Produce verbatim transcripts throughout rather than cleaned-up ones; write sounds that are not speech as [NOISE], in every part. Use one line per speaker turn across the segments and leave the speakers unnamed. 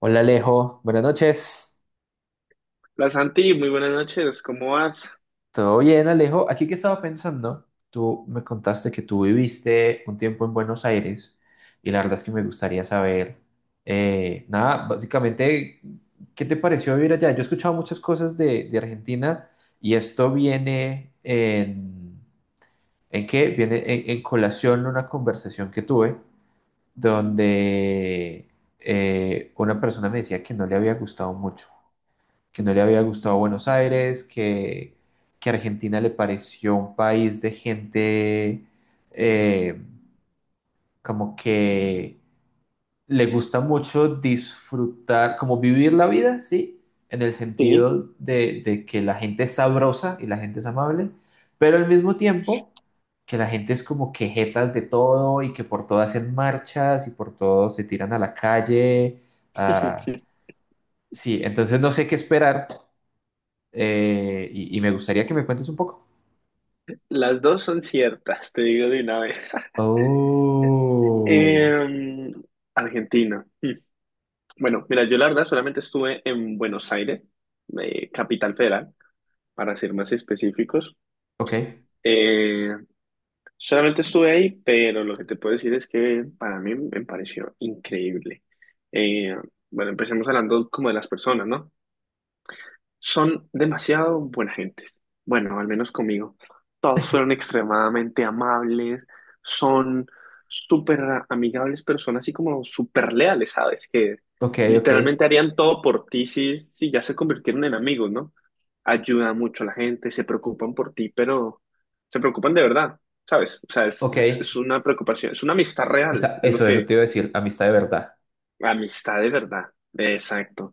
Hola Alejo, buenas noches.
Hola Santi, muy buenas noches, ¿cómo vas?
¿Todo bien, Alejo? Aquí que estaba pensando, tú me contaste que tú viviste un tiempo en Buenos Aires y la verdad es que me gustaría saber, eh, nada, básicamente, ¿qué te pareció vivir allá? Yo he escuchado muchas cosas de, de Argentina y esto viene en, ¿en qué? Viene en, en colación una conversación que tuve donde eh, una persona me decía que no le había gustado mucho, que no le había gustado Buenos Aires, que, que Argentina le pareció un país de gente, eh, como que le gusta mucho disfrutar, como vivir la vida, ¿sí? En el
Sí.
sentido de, de que la gente es sabrosa y la gente es amable, pero al mismo tiempo que la gente es como quejetas de todo y que por todo hacen marchas y por todo se tiran a la calle. Ah,
[LAUGHS]
sí, entonces no sé qué esperar, eh, y, y me gustaría que me cuentes un poco.
Las dos son ciertas, te digo de una vez.
Oh,
Em, Argentina. Mm. Bueno, mira, yo la verdad solamente estuve en Buenos Aires, eh, Capital Federal, para ser más específicos.
ok,
Eh, Solamente estuve ahí, pero lo que te puedo decir es que para mí me pareció increíble. Eh, bueno, empecemos hablando como de las personas, ¿no? Son demasiado buena gente. Bueno, al menos conmigo. Todos fueron extremadamente amables, son súper amigables, pero son así como súper leales, ¿sabes? Que
ok, ok,
literalmente harían todo por ti si, si ya se convirtieron en amigos, ¿no? Ayudan mucho a la gente, se preocupan por ti, pero se preocupan de verdad, ¿sabes? O sea, es,
ok.
es es una preocupación, es una amistad real,
Esa-
es lo
eso, eso
que...
te iba a decir, amistad de verdad.
Amistad de verdad, exacto.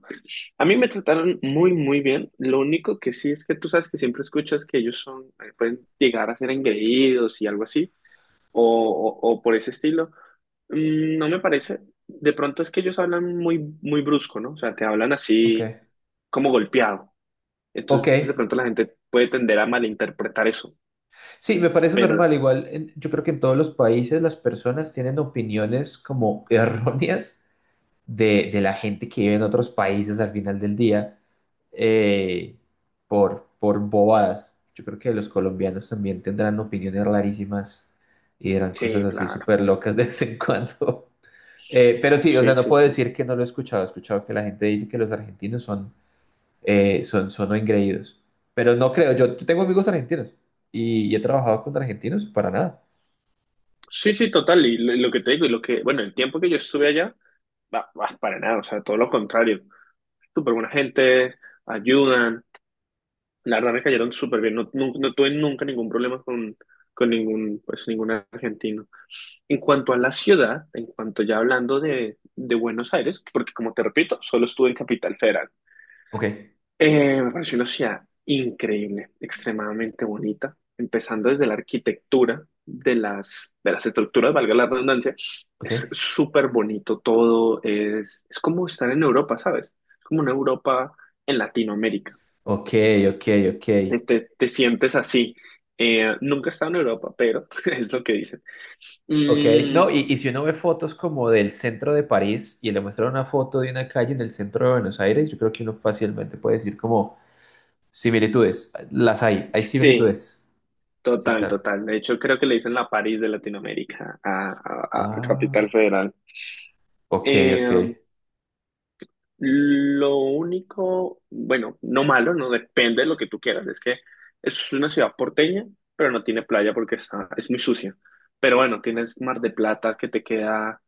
A mí me trataron muy, muy bien. Lo único que sí es que tú sabes que siempre escuchas que ellos son, eh, pueden llegar a ser engreídos y algo así, o, o, o por ese estilo. Mm, No me parece. De pronto es que ellos hablan muy, muy brusco, ¿no? O sea, te hablan
Ok,
así como golpeado.
ok.
Entonces, de pronto la gente puede tender a malinterpretar eso.
Sí, me parece normal.
Pero,
Igual, en- yo creo que en todos los países las personas tienen opiniones como [LAUGHS] erróneas de, de la gente que vive en otros países al final del día. eh, por, por bobadas. Yo creo que los colombianos también tendrán opiniones rarísimas y dirán cosas
sí,
así
claro.
súper locas de vez en [LAUGHS] cuando. Eh, pero sí, o
Sí,
sea, no
sí,
puedo
sí.
decir que no lo he escuchado. He escuchado que la gente dice que los argentinos son, eh, son, son engreídos. Pero no creo, yo, yo tengo amigos argentinos y, y he trabajado con argentinos, para nada.
Sí, sí, total. Y lo, lo que te digo, y lo que, bueno, el tiempo que yo estuve allá, va, va, para nada. O sea, todo lo contrario. Súper buena gente, ayudan. La verdad me cayeron súper bien. No, nu- no tuve nunca ningún problema con, con ningún, pues, ningún argentino. En cuanto a la ciudad, en cuanto ya hablando de, de Buenos Aires, porque como te repito, solo estuve en Capital Federal.
Ok,
Eh, me pareció una ciudad increíble, extremadamente bonita, empezando desde la arquitectura de las, de las estructuras, valga la redundancia.
ok,
Es súper bonito todo, es, es como estar en Europa, ¿sabes? Es como una Europa en Latinoamérica.
ok, ok, ok.
Te, te- te sientes así. Eh, nunca he estado en Europa, pero [LAUGHS] es lo que dicen.
Ok,
Mm,
no, y, y si uno ve fotos como del centro de París y le muestra una foto de una calle en el centro de Buenos Aires, yo creo que uno fácilmente puede decir como similitudes, las hay, hay
sí,
similitudes. Sí,
total,
claro.
total. De hecho, creo que le dicen la París de Latinoamérica a, a- a- a Capital
Ah,
Federal.
ok, ok,
Eh, Lo único, bueno, no malo, no depende de lo que tú quieras. Es que es una ciudad porteña, pero no tiene playa porque está, es muy sucia. Pero bueno, tienes Mar de Plata que te queda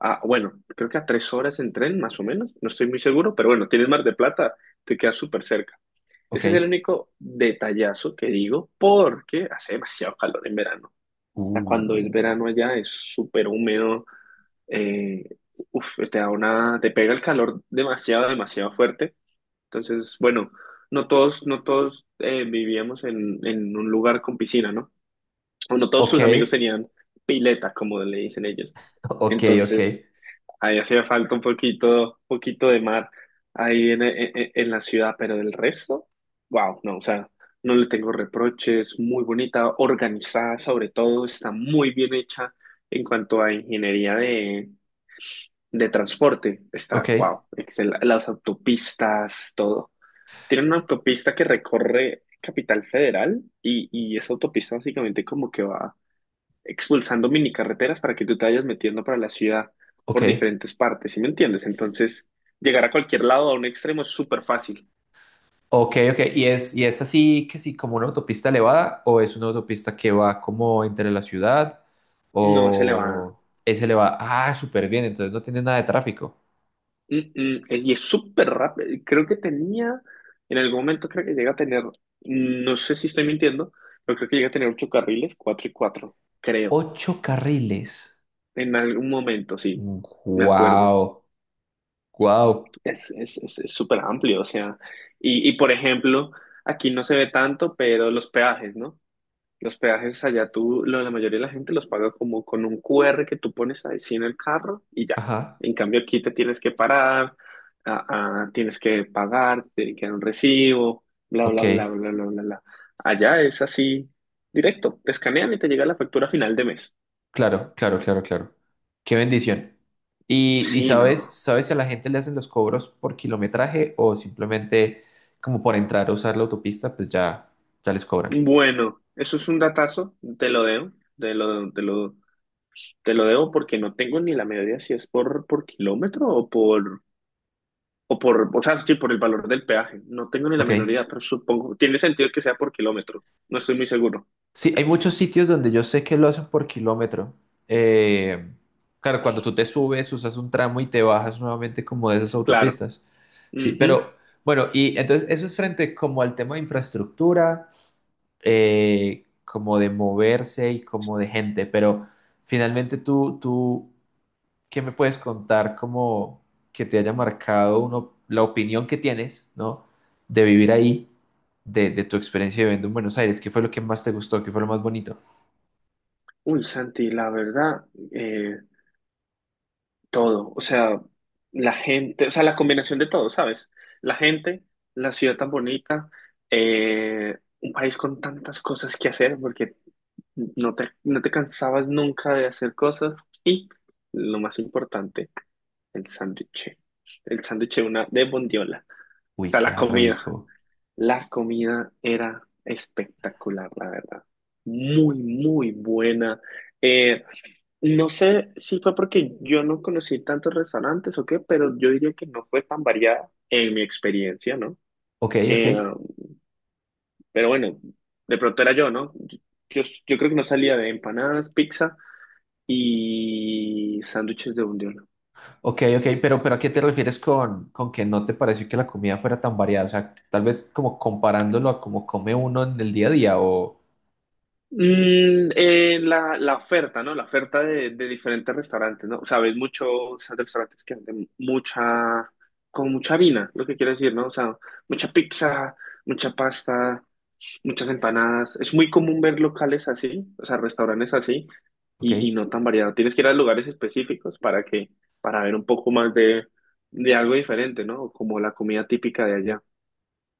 a, bueno, creo que a tres horas en tren, más o menos. No estoy muy seguro, pero bueno, tienes Mar de Plata, te queda súper cerca. Ese es el
ok.
único detallazo que digo porque hace demasiado calor en verano. O sea, cuando es
Uh,
verano allá es súper húmedo, eh, uf, te da una, te pega el calor demasiado, demasiado fuerte. Entonces, bueno, no todos, no todos eh, vivíamos en, en un lugar con piscina, ¿no? O no todos
ok,
sus amigos tenían pileta, como le dicen ellos.
ok, ok,
Entonces, ahí hacía falta un poquito, poquito de mar ahí en, en, en la ciudad, pero del resto, wow, no, o sea, no le tengo reproches, muy bonita, organizada sobre todo, está muy bien hecha en cuanto a ingeniería de de transporte
ok,
está, wow, excel, las autopistas, todo. Tiene una autopista que recorre Capital Federal y, y esa autopista básicamente como que va expulsando mini carreteras para que tú te vayas metiendo para la ciudad
ok,
por diferentes partes, ¿sí me entiendes? Entonces, llegar a cualquier lado, a un extremo, es súper fácil.
ok, ok. ¿Y es, y es así que sí, como una autopista elevada o es una autopista que va como entre la ciudad?
No se le va.
O ese le va, ah, súper bien, entonces no tiene nada de tráfico.
Mm, mm, es- Y es súper rápido. Creo que tenía, en algún momento creo que llega a tener, mm, no sé si estoy mintiendo, pero creo que llega a tener ocho carriles, cuatro y cuatro, creo.
Ocho carriles.
En algún momento, sí, me acuerdo.
Wow, wow.
Es, es, es, es súper amplio, o sea, y, y por ejemplo, aquí no se ve tanto, pero los peajes, ¿no? Los peajes allá tú, lo- la mayoría de la gente los paga como con un Q R que tú pones ahí sí en el carro y ya.
Ajá,
En cambio aquí te tienes que parar, a- a- tienes que pagar, te tiene que dar un recibo, bla,
ok.
bla, bla, bla, bla, bla, bla. Allá es así, directo, te escanean y te llega la factura a final de mes.
Claro, claro, claro, claro. Qué bendición. Y, y
Sí,
sabes,
¿no?
sabes si a la gente le hacen los cobros por kilometraje o simplemente como por entrar a usar la autopista, pues ya, ya les cobran.
Bueno, eso es un datazo, te lo debo, te lo, te lo, te lo debo porque no tengo ni la medida si es por, por kilómetro o por, o por, o sea, sí, por el valor del peaje. No tengo ni la
Ok.
menor idea, pero supongo, tiene sentido que sea por kilómetro. No estoy muy seguro.
Sí, hay muchos sitios donde yo sé que lo hacen por kilómetro. Eh, claro, cuando tú te subes, usas un tramo y te bajas nuevamente como de esas
Claro.
autopistas. Sí,
Ujú.
pero bueno, y entonces eso es frente como al tema de infraestructura, eh, como de moverse y como de gente, pero finalmente tú, tú, ¿qué me puedes contar como que te haya marcado uno, la opinión que tienes, ¿no? De vivir ahí, de, de tu experiencia viviendo en Buenos Aires, ¿qué fue lo que más te gustó? ¿Qué fue lo más bonito?
Uy, Santi, la verdad, eh, todo. O sea, la gente, o sea, la combinación de todo, ¿sabes? La gente, la ciudad tan bonita, eh, un país con tantas cosas que hacer, porque No te, no te cansabas nunca de hacer cosas. Y lo más importante, el sándwich. El sándwich de una de bondiola. O
Uy,
sea,
qué
la comida.
rico.
La comida era espectacular, la verdad. Muy, muy buena. Eh, no sé si fue porque yo no conocí tantos restaurantes o qué, pero yo diría que no fue tan variada en mi experiencia, ¿no?
Ok, ok.
Eh, pero bueno, de pronto era yo, ¿no? Yo, yo yo creo que no salía de empanadas, pizza y sándwiches de bondiola.
Ok, ok, pero, pero ¿a qué te refieres con, con que no te pareció que la comida fuera tan variada? O sea, tal vez como comparándolo a cómo come uno en el día a día o...
Mm, eh, la, la oferta, ¿no? La oferta de, de diferentes restaurantes, ¿no? O sea ves muchos restaurantes que venden mucha, con mucha harina, lo que quiero decir, ¿no? O sea, mucha pizza, mucha pasta, muchas empanadas. Es muy común ver locales así, o sea, restaurantes así,
Ok.
y, y no tan variado. Tienes que ir a lugares específicos para que, para ver un poco más de, de algo diferente, ¿no? Como la comida típica de allá.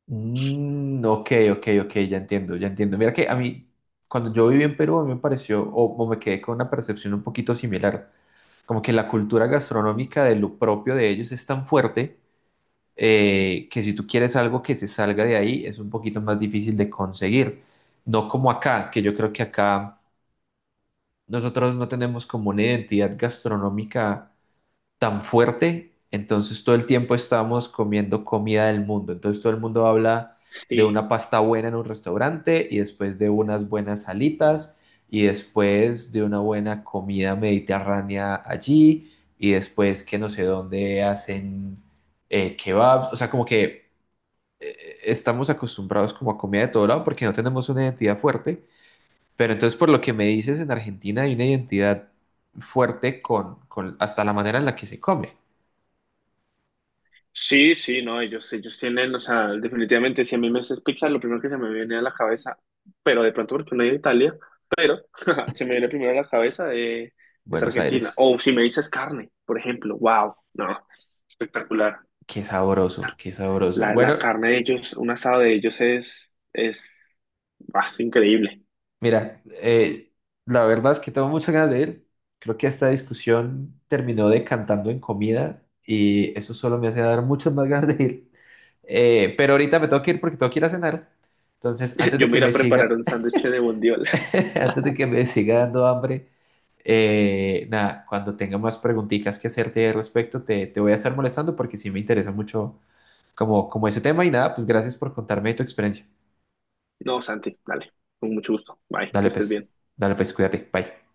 Mm, ok, ok, ok, ya entiendo, ya entiendo. Mira que a mí, cuando yo viví en Perú, a mí me pareció, o, o me quedé con una percepción un poquito similar, como que la cultura gastronómica de lo propio de ellos es tan fuerte, eh, que si tú quieres algo que se salga de ahí, es un poquito más difícil de conseguir. No como acá, que yo creo que acá nosotros no tenemos como una identidad gastronómica tan fuerte, entonces todo el tiempo estamos comiendo comida del mundo, entonces todo el mundo habla de
Sí,
una pasta buena en un restaurante y después de unas buenas salitas y después de una buena comida mediterránea allí y después que no sé dónde hacen, eh, kebabs, o sea, como que, eh, eh, estamos acostumbrados como a comida de todo lado porque no tenemos una identidad fuerte, pero entonces por lo que me dices, en Argentina hay una identidad fuerte con, con hasta la manera en la que se come.
sí, sí, no, ellos, ellos tienen, o sea, definitivamente, si a mí me haces pizza, lo primero que se me viene a la cabeza, pero de pronto porque no es de Italia, pero [LAUGHS] se me viene primero a la cabeza eh, es
Buenos
Argentina.
Aires,
O si me dices carne, por ejemplo, wow, no, espectacular.
qué sabroso, qué sabroso.
La,
Bueno,
la carne de ellos, un asado de ellos es, es, ah, es increíble.
mira, eh, la verdad es que tengo muchas ganas de ir. Creo que esta discusión terminó decantando en comida y eso solo me hace dar muchas más ganas de ir. Eh, pero ahorita me tengo que ir porque tengo que ir a cenar. Entonces,
[LAUGHS]
antes de
Yo
que
me iré
me
a preparar
siga,
un sándwich de bondiola. [LAUGHS]
[LAUGHS] antes de que me siga dando hambre, eh, nada, cuando tenga más preguntitas que hacerte al respecto, te, te voy a estar molestando porque sí me interesa mucho como, como ese tema y nada, pues gracias por contarme tu experiencia.
No, Santi, dale, con mucho gusto. Bye, que
Dale
estés
pues,
bien.
dale pues, cuídate, bye.